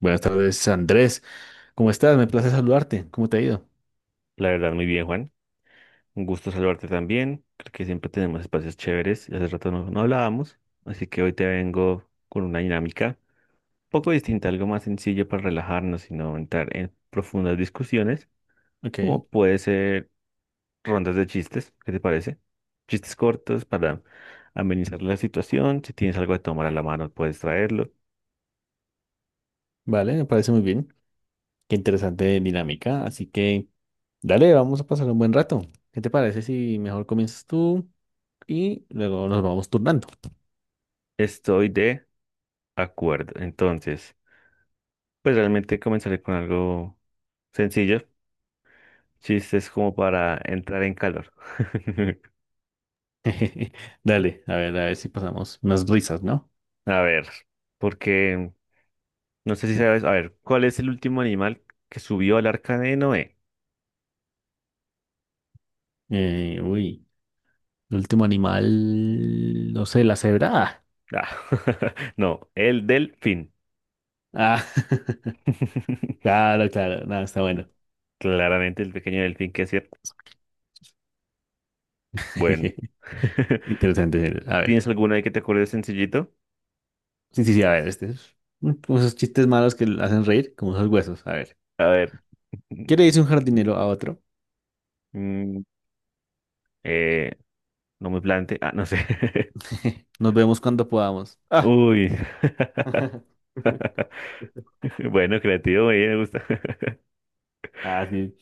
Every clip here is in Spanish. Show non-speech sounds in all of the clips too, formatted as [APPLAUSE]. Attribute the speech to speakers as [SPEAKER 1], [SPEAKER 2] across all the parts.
[SPEAKER 1] Buenas tardes, Andrés. ¿Cómo estás? Me place saludarte. ¿Cómo te ha ido?
[SPEAKER 2] La verdad, muy bien, Juan. Un gusto saludarte también. Creo que siempre tenemos espacios chéveres y hace rato no hablábamos, así que hoy te vengo con una dinámica un poco distinta, algo más sencillo para relajarnos y no entrar en profundas discusiones,
[SPEAKER 1] Ok,
[SPEAKER 2] como puede ser rondas de chistes, ¿qué te parece? Chistes cortos para amenizar la situación. Si tienes algo de tomar a la mano, puedes traerlo.
[SPEAKER 1] vale, me parece muy bien. Qué interesante dinámica. Así que, dale, vamos a pasar un buen rato. ¿Qué te parece si mejor comienzas tú y luego nos vamos turnando?
[SPEAKER 2] Estoy de acuerdo. Entonces, pues realmente comenzaré con algo sencillo, chistes como para entrar en calor. [LAUGHS]
[SPEAKER 1] [LAUGHS] Dale, a ver si pasamos unas risas, ¿no?
[SPEAKER 2] A ver, porque no sé si sabes, a ver, ¿cuál es el último animal que subió al arca de Noé?
[SPEAKER 1] Uy, el último animal, no sé, la cebra.
[SPEAKER 2] Ah, [LAUGHS] no, el delfín.
[SPEAKER 1] Ah, [LAUGHS]
[SPEAKER 2] [LAUGHS]
[SPEAKER 1] claro, claro, nada, está bueno.
[SPEAKER 2] Claramente el pequeño delfín que es cierto. Bueno,
[SPEAKER 1] [LAUGHS]
[SPEAKER 2] [LAUGHS]
[SPEAKER 1] Interesante. A ver.
[SPEAKER 2] ¿tienes alguna ahí que te acuerdes sencillito?
[SPEAKER 1] Sí, sí, sí, a ver, este es como esos chistes malos que le hacen reír, como esos huesos. A ver.
[SPEAKER 2] A ver,
[SPEAKER 1] ¿Qué le dice un jardinero a otro?
[SPEAKER 2] mm, eh, no me plante, ah, no sé. [LAUGHS]
[SPEAKER 1] [LAUGHS] Nos vemos cuando podamos. Ah.
[SPEAKER 2] Uy,
[SPEAKER 1] [LAUGHS]
[SPEAKER 2] [LAUGHS] bueno, creativo, muy bien, me gusta. [LAUGHS]
[SPEAKER 1] Ah, sí.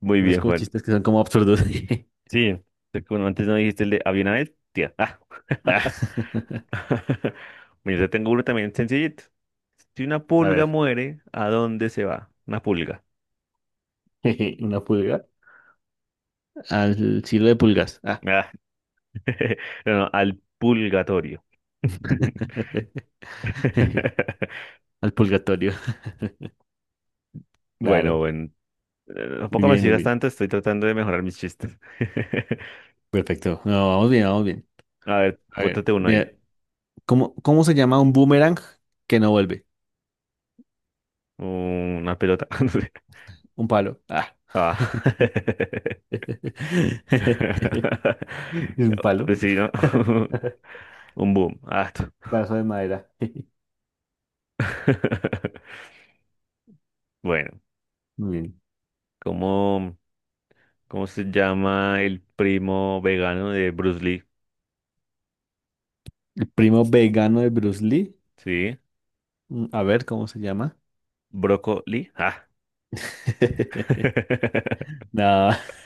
[SPEAKER 2] Muy
[SPEAKER 1] Esos
[SPEAKER 2] bien,
[SPEAKER 1] como
[SPEAKER 2] Juan.
[SPEAKER 1] chistes que son como absurdos. [LAUGHS]
[SPEAKER 2] Sí, te- como antes no dijiste el de había una vez, tía. Ah.
[SPEAKER 1] Ah.
[SPEAKER 2] [LAUGHS] Mira, yo tengo uno también sencillito. Si una
[SPEAKER 1] [LAUGHS] A
[SPEAKER 2] pulga
[SPEAKER 1] ver.
[SPEAKER 2] muere, ¿a dónde se va? Una pulga.
[SPEAKER 1] [LAUGHS] Una pulga. Al cielo de pulgas. Ah.
[SPEAKER 2] Ah, [LAUGHS] no, no, al pulgatorio. [LAUGHS]
[SPEAKER 1] [LAUGHS] Al purgatorio.
[SPEAKER 2] Bueno,
[SPEAKER 1] Claro.
[SPEAKER 2] bueno.
[SPEAKER 1] Muy
[SPEAKER 2] Tampoco me
[SPEAKER 1] bien, muy
[SPEAKER 2] sigas
[SPEAKER 1] bien.
[SPEAKER 2] tanto, estoy tratando de mejorar mis chistes. [LAUGHS]
[SPEAKER 1] Perfecto. No, vamos bien, vamos bien.
[SPEAKER 2] A ver,
[SPEAKER 1] A ver.
[SPEAKER 2] pótate uno ahí.
[SPEAKER 1] Mira, ¿cómo se llama un boomerang que no vuelve?
[SPEAKER 2] Una pelota. [LAUGHS] No sé.
[SPEAKER 1] Un palo. Ah.
[SPEAKER 2] Ah.
[SPEAKER 1] [LAUGHS] [LAUGHS]
[SPEAKER 2] [LAUGHS]
[SPEAKER 1] Es un palo.
[SPEAKER 2] Pues sí, ¿no?
[SPEAKER 1] [LAUGHS]
[SPEAKER 2] [LAUGHS] Un boom. Ah.
[SPEAKER 1] Brazo de madera.
[SPEAKER 2] [LAUGHS] Bueno,
[SPEAKER 1] [LAUGHS] Muy bien.
[SPEAKER 2] ¿cómo, cómo se llama el primo vegano de Bruce Lee?
[SPEAKER 1] El primo vegano de Bruce Lee.
[SPEAKER 2] ¿Sí?
[SPEAKER 1] A ver cómo se llama.
[SPEAKER 2] ¿Brócoli? Ah.
[SPEAKER 1] [LAUGHS]
[SPEAKER 2] [LAUGHS]
[SPEAKER 1] No. [LAUGHS]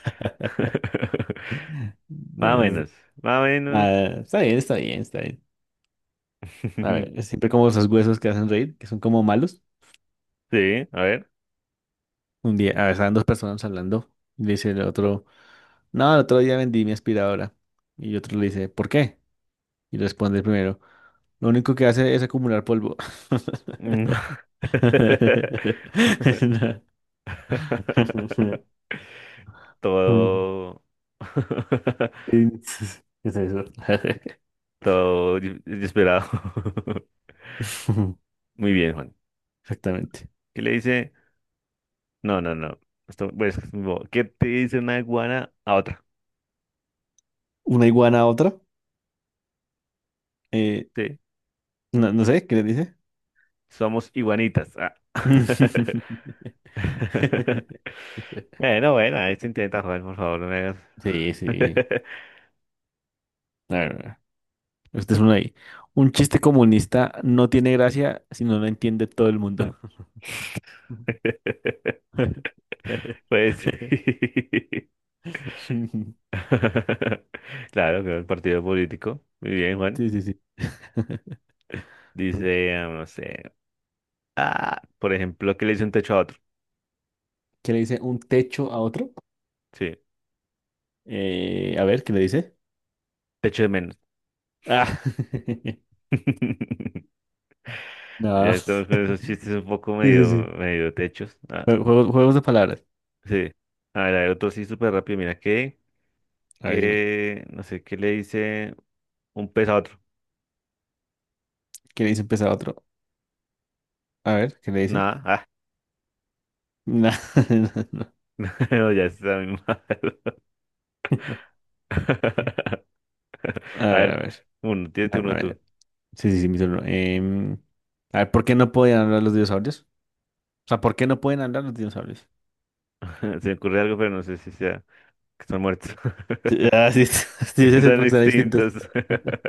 [SPEAKER 2] Más o
[SPEAKER 1] No,
[SPEAKER 2] menos, más o menos.
[SPEAKER 1] nada, está bien, está bien, está bien. A ver,
[SPEAKER 2] [LAUGHS]
[SPEAKER 1] siempre como esos huesos que hacen reír, que son como malos.
[SPEAKER 2] Sí, a ver.
[SPEAKER 1] Un día, a ver, estaban dos personas hablando. Y le dice el otro, no, el otro día vendí mi aspiradora. Y otro le dice, ¿por qué? Y responde el primero. Lo único que hace es acumular polvo.
[SPEAKER 2] No.
[SPEAKER 1] [LAUGHS]
[SPEAKER 2] [LAUGHS] Todo. [LAUGHS]
[SPEAKER 1] ¿Qué es eso?
[SPEAKER 2] Todo desesperado. [LAUGHS]
[SPEAKER 1] [LAUGHS]
[SPEAKER 2] Muy bien, Juan.
[SPEAKER 1] Exactamente.
[SPEAKER 2] ¿Qué le dice? No, no, no. Esto, pues, no. ¿Qué te dice una iguana a otra?
[SPEAKER 1] Una iguana a otra. eh,
[SPEAKER 2] Sí,
[SPEAKER 1] no, no sé, ¿qué le dice?
[SPEAKER 2] somos iguanitas. Ah. [LAUGHS]
[SPEAKER 1] [LAUGHS]
[SPEAKER 2] [LAUGHS] Bueno, bueno, ahí se intenta jugar, por favor, no me hagas.
[SPEAKER 1] Sí, sí. A ver, este es uno ahí. Un chiste comunista no tiene gracia si no lo entiende todo el mundo.
[SPEAKER 2] [LAUGHS]
[SPEAKER 1] [LAUGHS]
[SPEAKER 2] Pues sí.
[SPEAKER 1] Sí,
[SPEAKER 2] [LAUGHS] Claro, que el partido político. Muy bien, Juan.
[SPEAKER 1] sí, sí. [LAUGHS]
[SPEAKER 2] Dice, ah, no sé. Ah, por ejemplo, que le dice un techo a otro.
[SPEAKER 1] ¿Qué le dice un techo a otro?
[SPEAKER 2] Sí,
[SPEAKER 1] A ver, ¿qué le dice?
[SPEAKER 2] techo de menos.
[SPEAKER 1] Ah, [LAUGHS]
[SPEAKER 2] [LAUGHS] Ya
[SPEAKER 1] no.
[SPEAKER 2] estamos con esos chistes un poco
[SPEAKER 1] Sí, sí,
[SPEAKER 2] medio,
[SPEAKER 1] sí.
[SPEAKER 2] medio techos. Ah,
[SPEAKER 1] Juegos, juegos de palabras.
[SPEAKER 2] sí. A ver, otro sí súper rápido. Mira, que,
[SPEAKER 1] A ver, dime.
[SPEAKER 2] que, no sé, ¿qué le dice un pez a otro?
[SPEAKER 1] ¿Qué le dice un pez a otro? A ver, ¿qué le dice?
[SPEAKER 2] Nada.
[SPEAKER 1] No, [LAUGHS] no, no.
[SPEAKER 2] [LAUGHS] No, ya está muy mal. [LAUGHS]
[SPEAKER 1] A
[SPEAKER 2] A
[SPEAKER 1] ver, a
[SPEAKER 2] ver,
[SPEAKER 1] ver.
[SPEAKER 2] uno,
[SPEAKER 1] No,
[SPEAKER 2] tírate
[SPEAKER 1] a
[SPEAKER 2] uno tú.
[SPEAKER 1] ver. Sí, sí, sí, mi turno. A ver, ¿por qué no podían hablar los dinosaurios? O sea, ¿por qué no pueden hablar los dinosaurios?
[SPEAKER 2] [LAUGHS] Se me ocurre algo, pero no sé si sea que están muertos.
[SPEAKER 1] Ah, sí, [LAUGHS] sí,
[SPEAKER 2] [LAUGHS]
[SPEAKER 1] sí, sí,
[SPEAKER 2] Están
[SPEAKER 1] porque están distintos.
[SPEAKER 2] extintos. [LAUGHS]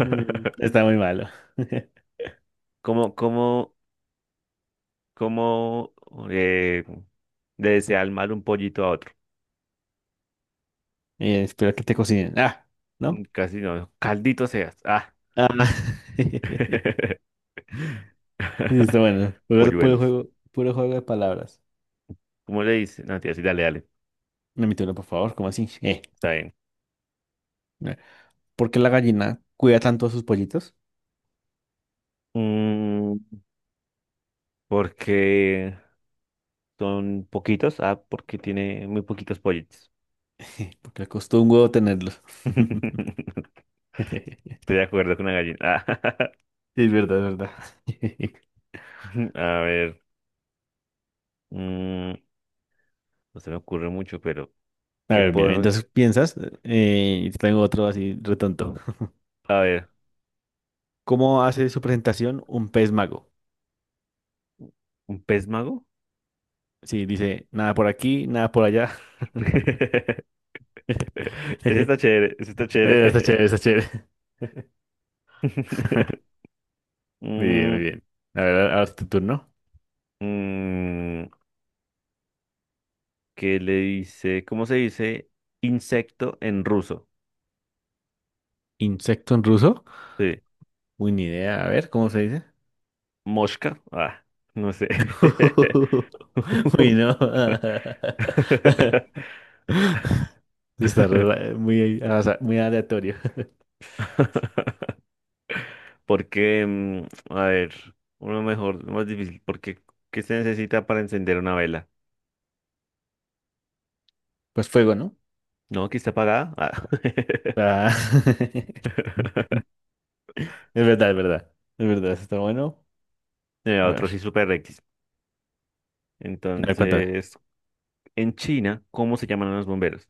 [SPEAKER 1] Está muy malo. [LAUGHS]
[SPEAKER 2] ¿Cómo, cómo, cómo eh, le desea el mal un pollito a otro?
[SPEAKER 1] Espero que te cocinen. Ah,
[SPEAKER 2] Mm,
[SPEAKER 1] ¿no?
[SPEAKER 2] casi no. Caldito seas. Ah.
[SPEAKER 1] Ah. [LAUGHS]
[SPEAKER 2] [LAUGHS]
[SPEAKER 1] Sí, está bueno. Jugar
[SPEAKER 2] Polluelos.
[SPEAKER 1] puro juego de palabras.
[SPEAKER 2] ¿Cómo le dice? No, tía, sí, dale, dale.
[SPEAKER 1] Permítelo, por favor, ¿cómo así?
[SPEAKER 2] Está bien.
[SPEAKER 1] Eh. ¿Por qué la gallina cuida tanto a sus pollitos?
[SPEAKER 2] Mm, porque son poquitos, ah, porque tiene muy poquitos pollitos.
[SPEAKER 1] [LAUGHS] Porque le costó un huevo tenerlos.
[SPEAKER 2] [LAUGHS]
[SPEAKER 1] [LAUGHS]
[SPEAKER 2] Estoy
[SPEAKER 1] [LAUGHS]
[SPEAKER 2] de acuerdo con la gallina.
[SPEAKER 1] Sí, es verdad, es verdad. [LAUGHS]
[SPEAKER 2] [LAUGHS] A ver, mm, no se me ocurre mucho, pero
[SPEAKER 1] A
[SPEAKER 2] ¿qué
[SPEAKER 1] ver, bien,
[SPEAKER 2] podemos?
[SPEAKER 1] entonces piensas, y te tengo otro así retonto. [LAUGHS]
[SPEAKER 2] A ver,
[SPEAKER 1] ¿Cómo hace su presentación un pez mago?
[SPEAKER 2] ¿un pez mago?
[SPEAKER 1] Sí, dice nada por aquí, nada por allá.
[SPEAKER 2] [LAUGHS]
[SPEAKER 1] [LAUGHS]
[SPEAKER 2] Ese está chévere, ese está
[SPEAKER 1] Está
[SPEAKER 2] chévere.
[SPEAKER 1] chévere, está chévere.
[SPEAKER 2] [LAUGHS]
[SPEAKER 1] Muy bien, muy
[SPEAKER 2] Mm,
[SPEAKER 1] bien. A ver, ahora es tu turno.
[SPEAKER 2] mm, ¿qué le dice? ¿Cómo se dice insecto en ruso?
[SPEAKER 1] ¿Insecto en ruso?
[SPEAKER 2] Sí,
[SPEAKER 1] Uy, ni idea. A ver, ¿cómo se dice?
[SPEAKER 2] mosca. Ah, no sé.
[SPEAKER 1] [LAUGHS] Uy, no.
[SPEAKER 2] [LAUGHS] [LAUGHS]
[SPEAKER 1] [LAUGHS] Muy, muy aleatorio. [LAUGHS]
[SPEAKER 2] Porque, a ver, uno mejor, uno más difícil, porque ¿qué se necesita para encender una vela?
[SPEAKER 1] Pues fuego, ¿no?
[SPEAKER 2] No, aquí está apagada. Ah. [LAUGHS]
[SPEAKER 1] Ah, [LAUGHS] es verdad, es verdad. Es verdad, está bueno. A
[SPEAKER 2] Otro
[SPEAKER 1] ver,
[SPEAKER 2] sí, super X.
[SPEAKER 1] a ver, cuéntame.
[SPEAKER 2] Entonces, en China, ¿cómo se llaman a los bomberos?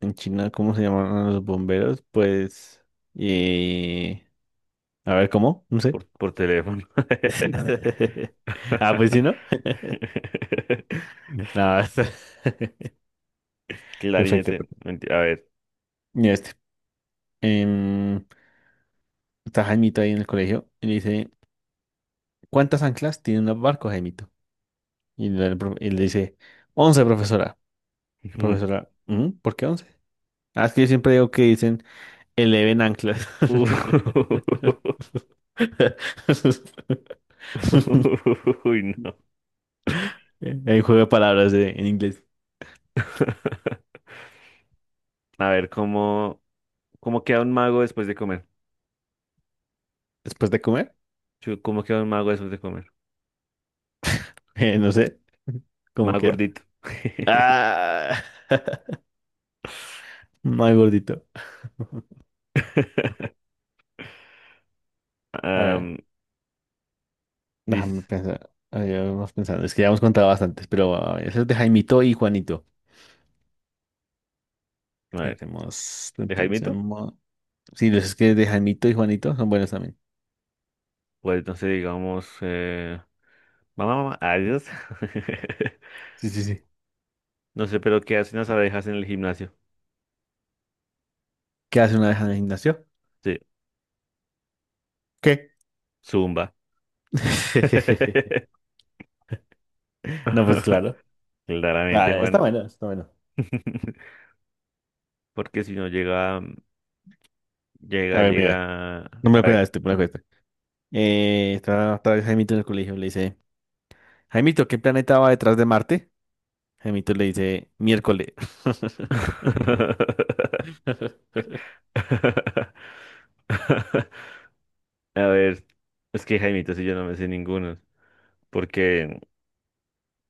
[SPEAKER 1] En China, ¿cómo se llaman los bomberos? Pues. Y. A ver, ¿cómo? No
[SPEAKER 2] Por,
[SPEAKER 1] sé.
[SPEAKER 2] por teléfono.
[SPEAKER 1] [LAUGHS] Ah, pues sí, ¿no?
[SPEAKER 2] [LAUGHS]
[SPEAKER 1] No, está- [LAUGHS] perfecto.
[SPEAKER 2] Clarinete.
[SPEAKER 1] Perfecto.
[SPEAKER 2] Menti- A ver.
[SPEAKER 1] Mira este. Em, está Jaimito ahí en el colegio y le dice. ¿Cuántas anclas tienen los barcos, Jaimito? Y le dice, once profesora. La
[SPEAKER 2] [LAUGHS]
[SPEAKER 1] profesora, "¿Mm? ¿Por qué 11? Ah, es que yo siempre digo que dicen eleven anclas.
[SPEAKER 2] Uf.
[SPEAKER 1] [LAUGHS]
[SPEAKER 2] [LAUGHS] Uy, no.
[SPEAKER 1] El juego de palabras en inglés.
[SPEAKER 2] A ver, ¿cómo, cómo queda un mago después de comer?
[SPEAKER 1] Después de comer,
[SPEAKER 2] Chu, ¿cómo queda un mago después de comer?
[SPEAKER 1] [LAUGHS] no sé cómo
[SPEAKER 2] Más
[SPEAKER 1] queda.
[SPEAKER 2] gordito.
[SPEAKER 1] Ah, [LAUGHS] mal gordito.
[SPEAKER 2] [LAUGHS]
[SPEAKER 1] A ver,
[SPEAKER 2] Am,
[SPEAKER 1] déjame
[SPEAKER 2] dice,
[SPEAKER 1] pensar. A ver, vamos pensando. Es que ya hemos contado bastantes, pero a ver, ese es de Jaimito y Juanito.
[SPEAKER 2] a ver,
[SPEAKER 1] Pensemos,
[SPEAKER 2] de Jaimito,
[SPEAKER 1] pensemos. Sí, los es que de Jaimito y Juanito son buenos también.
[SPEAKER 2] pues entonces digamos, mamá, mamá, adiós. [LAUGHS]
[SPEAKER 1] Sí, sí, sí.
[SPEAKER 2] No sé, pero ¿qué hacen las abejas en el gimnasio?
[SPEAKER 1] ¿Qué hace una vez en el gimnasio?
[SPEAKER 2] Sí,
[SPEAKER 1] ¿Qué?
[SPEAKER 2] zumba.
[SPEAKER 1] [LAUGHS]
[SPEAKER 2] [LAUGHS]
[SPEAKER 1] No, pues claro.
[SPEAKER 2] Claramente,
[SPEAKER 1] Ah, está
[SPEAKER 2] Juan,
[SPEAKER 1] bueno, está bueno.
[SPEAKER 2] [LAUGHS] porque si no llega, llega,
[SPEAKER 1] A ver, mira,
[SPEAKER 2] llega,
[SPEAKER 1] no me
[SPEAKER 2] a
[SPEAKER 1] lo cuesta
[SPEAKER 2] ver.
[SPEAKER 1] este, me lo cuesta. Está otra vez Jaimito en el colegio, le dice, Jaimito, ¿qué planeta va detrás de Marte? Jaimito le dice, miércoles.
[SPEAKER 2] [LAUGHS]
[SPEAKER 1] [LAUGHS]
[SPEAKER 2] A ver, es que Jaimito, si yo no me sé ninguno, porque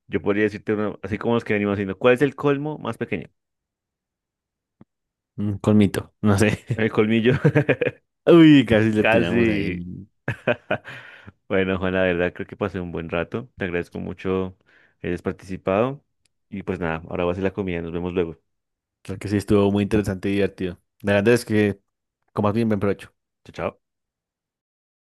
[SPEAKER 2] yo podría decirte uno, así como los que venimos haciendo, ¿cuál es el colmo más pequeño?
[SPEAKER 1] Con mito, no sé.
[SPEAKER 2] El colmillo,
[SPEAKER 1] [LAUGHS] Uy, casi
[SPEAKER 2] [LAUGHS]
[SPEAKER 1] le
[SPEAKER 2] casi.
[SPEAKER 1] tiramos ahí.
[SPEAKER 2] [LAUGHS] Bueno, Juan, la verdad creo que pasé un buen rato. Te agradezco mucho que hayas participado. Y pues nada, ahora voy a hacer la comida. Nos vemos luego.
[SPEAKER 1] Creo que sí estuvo muy interesante y divertido. De verdad es que comas bien, buen provecho.
[SPEAKER 2] Chao, chao.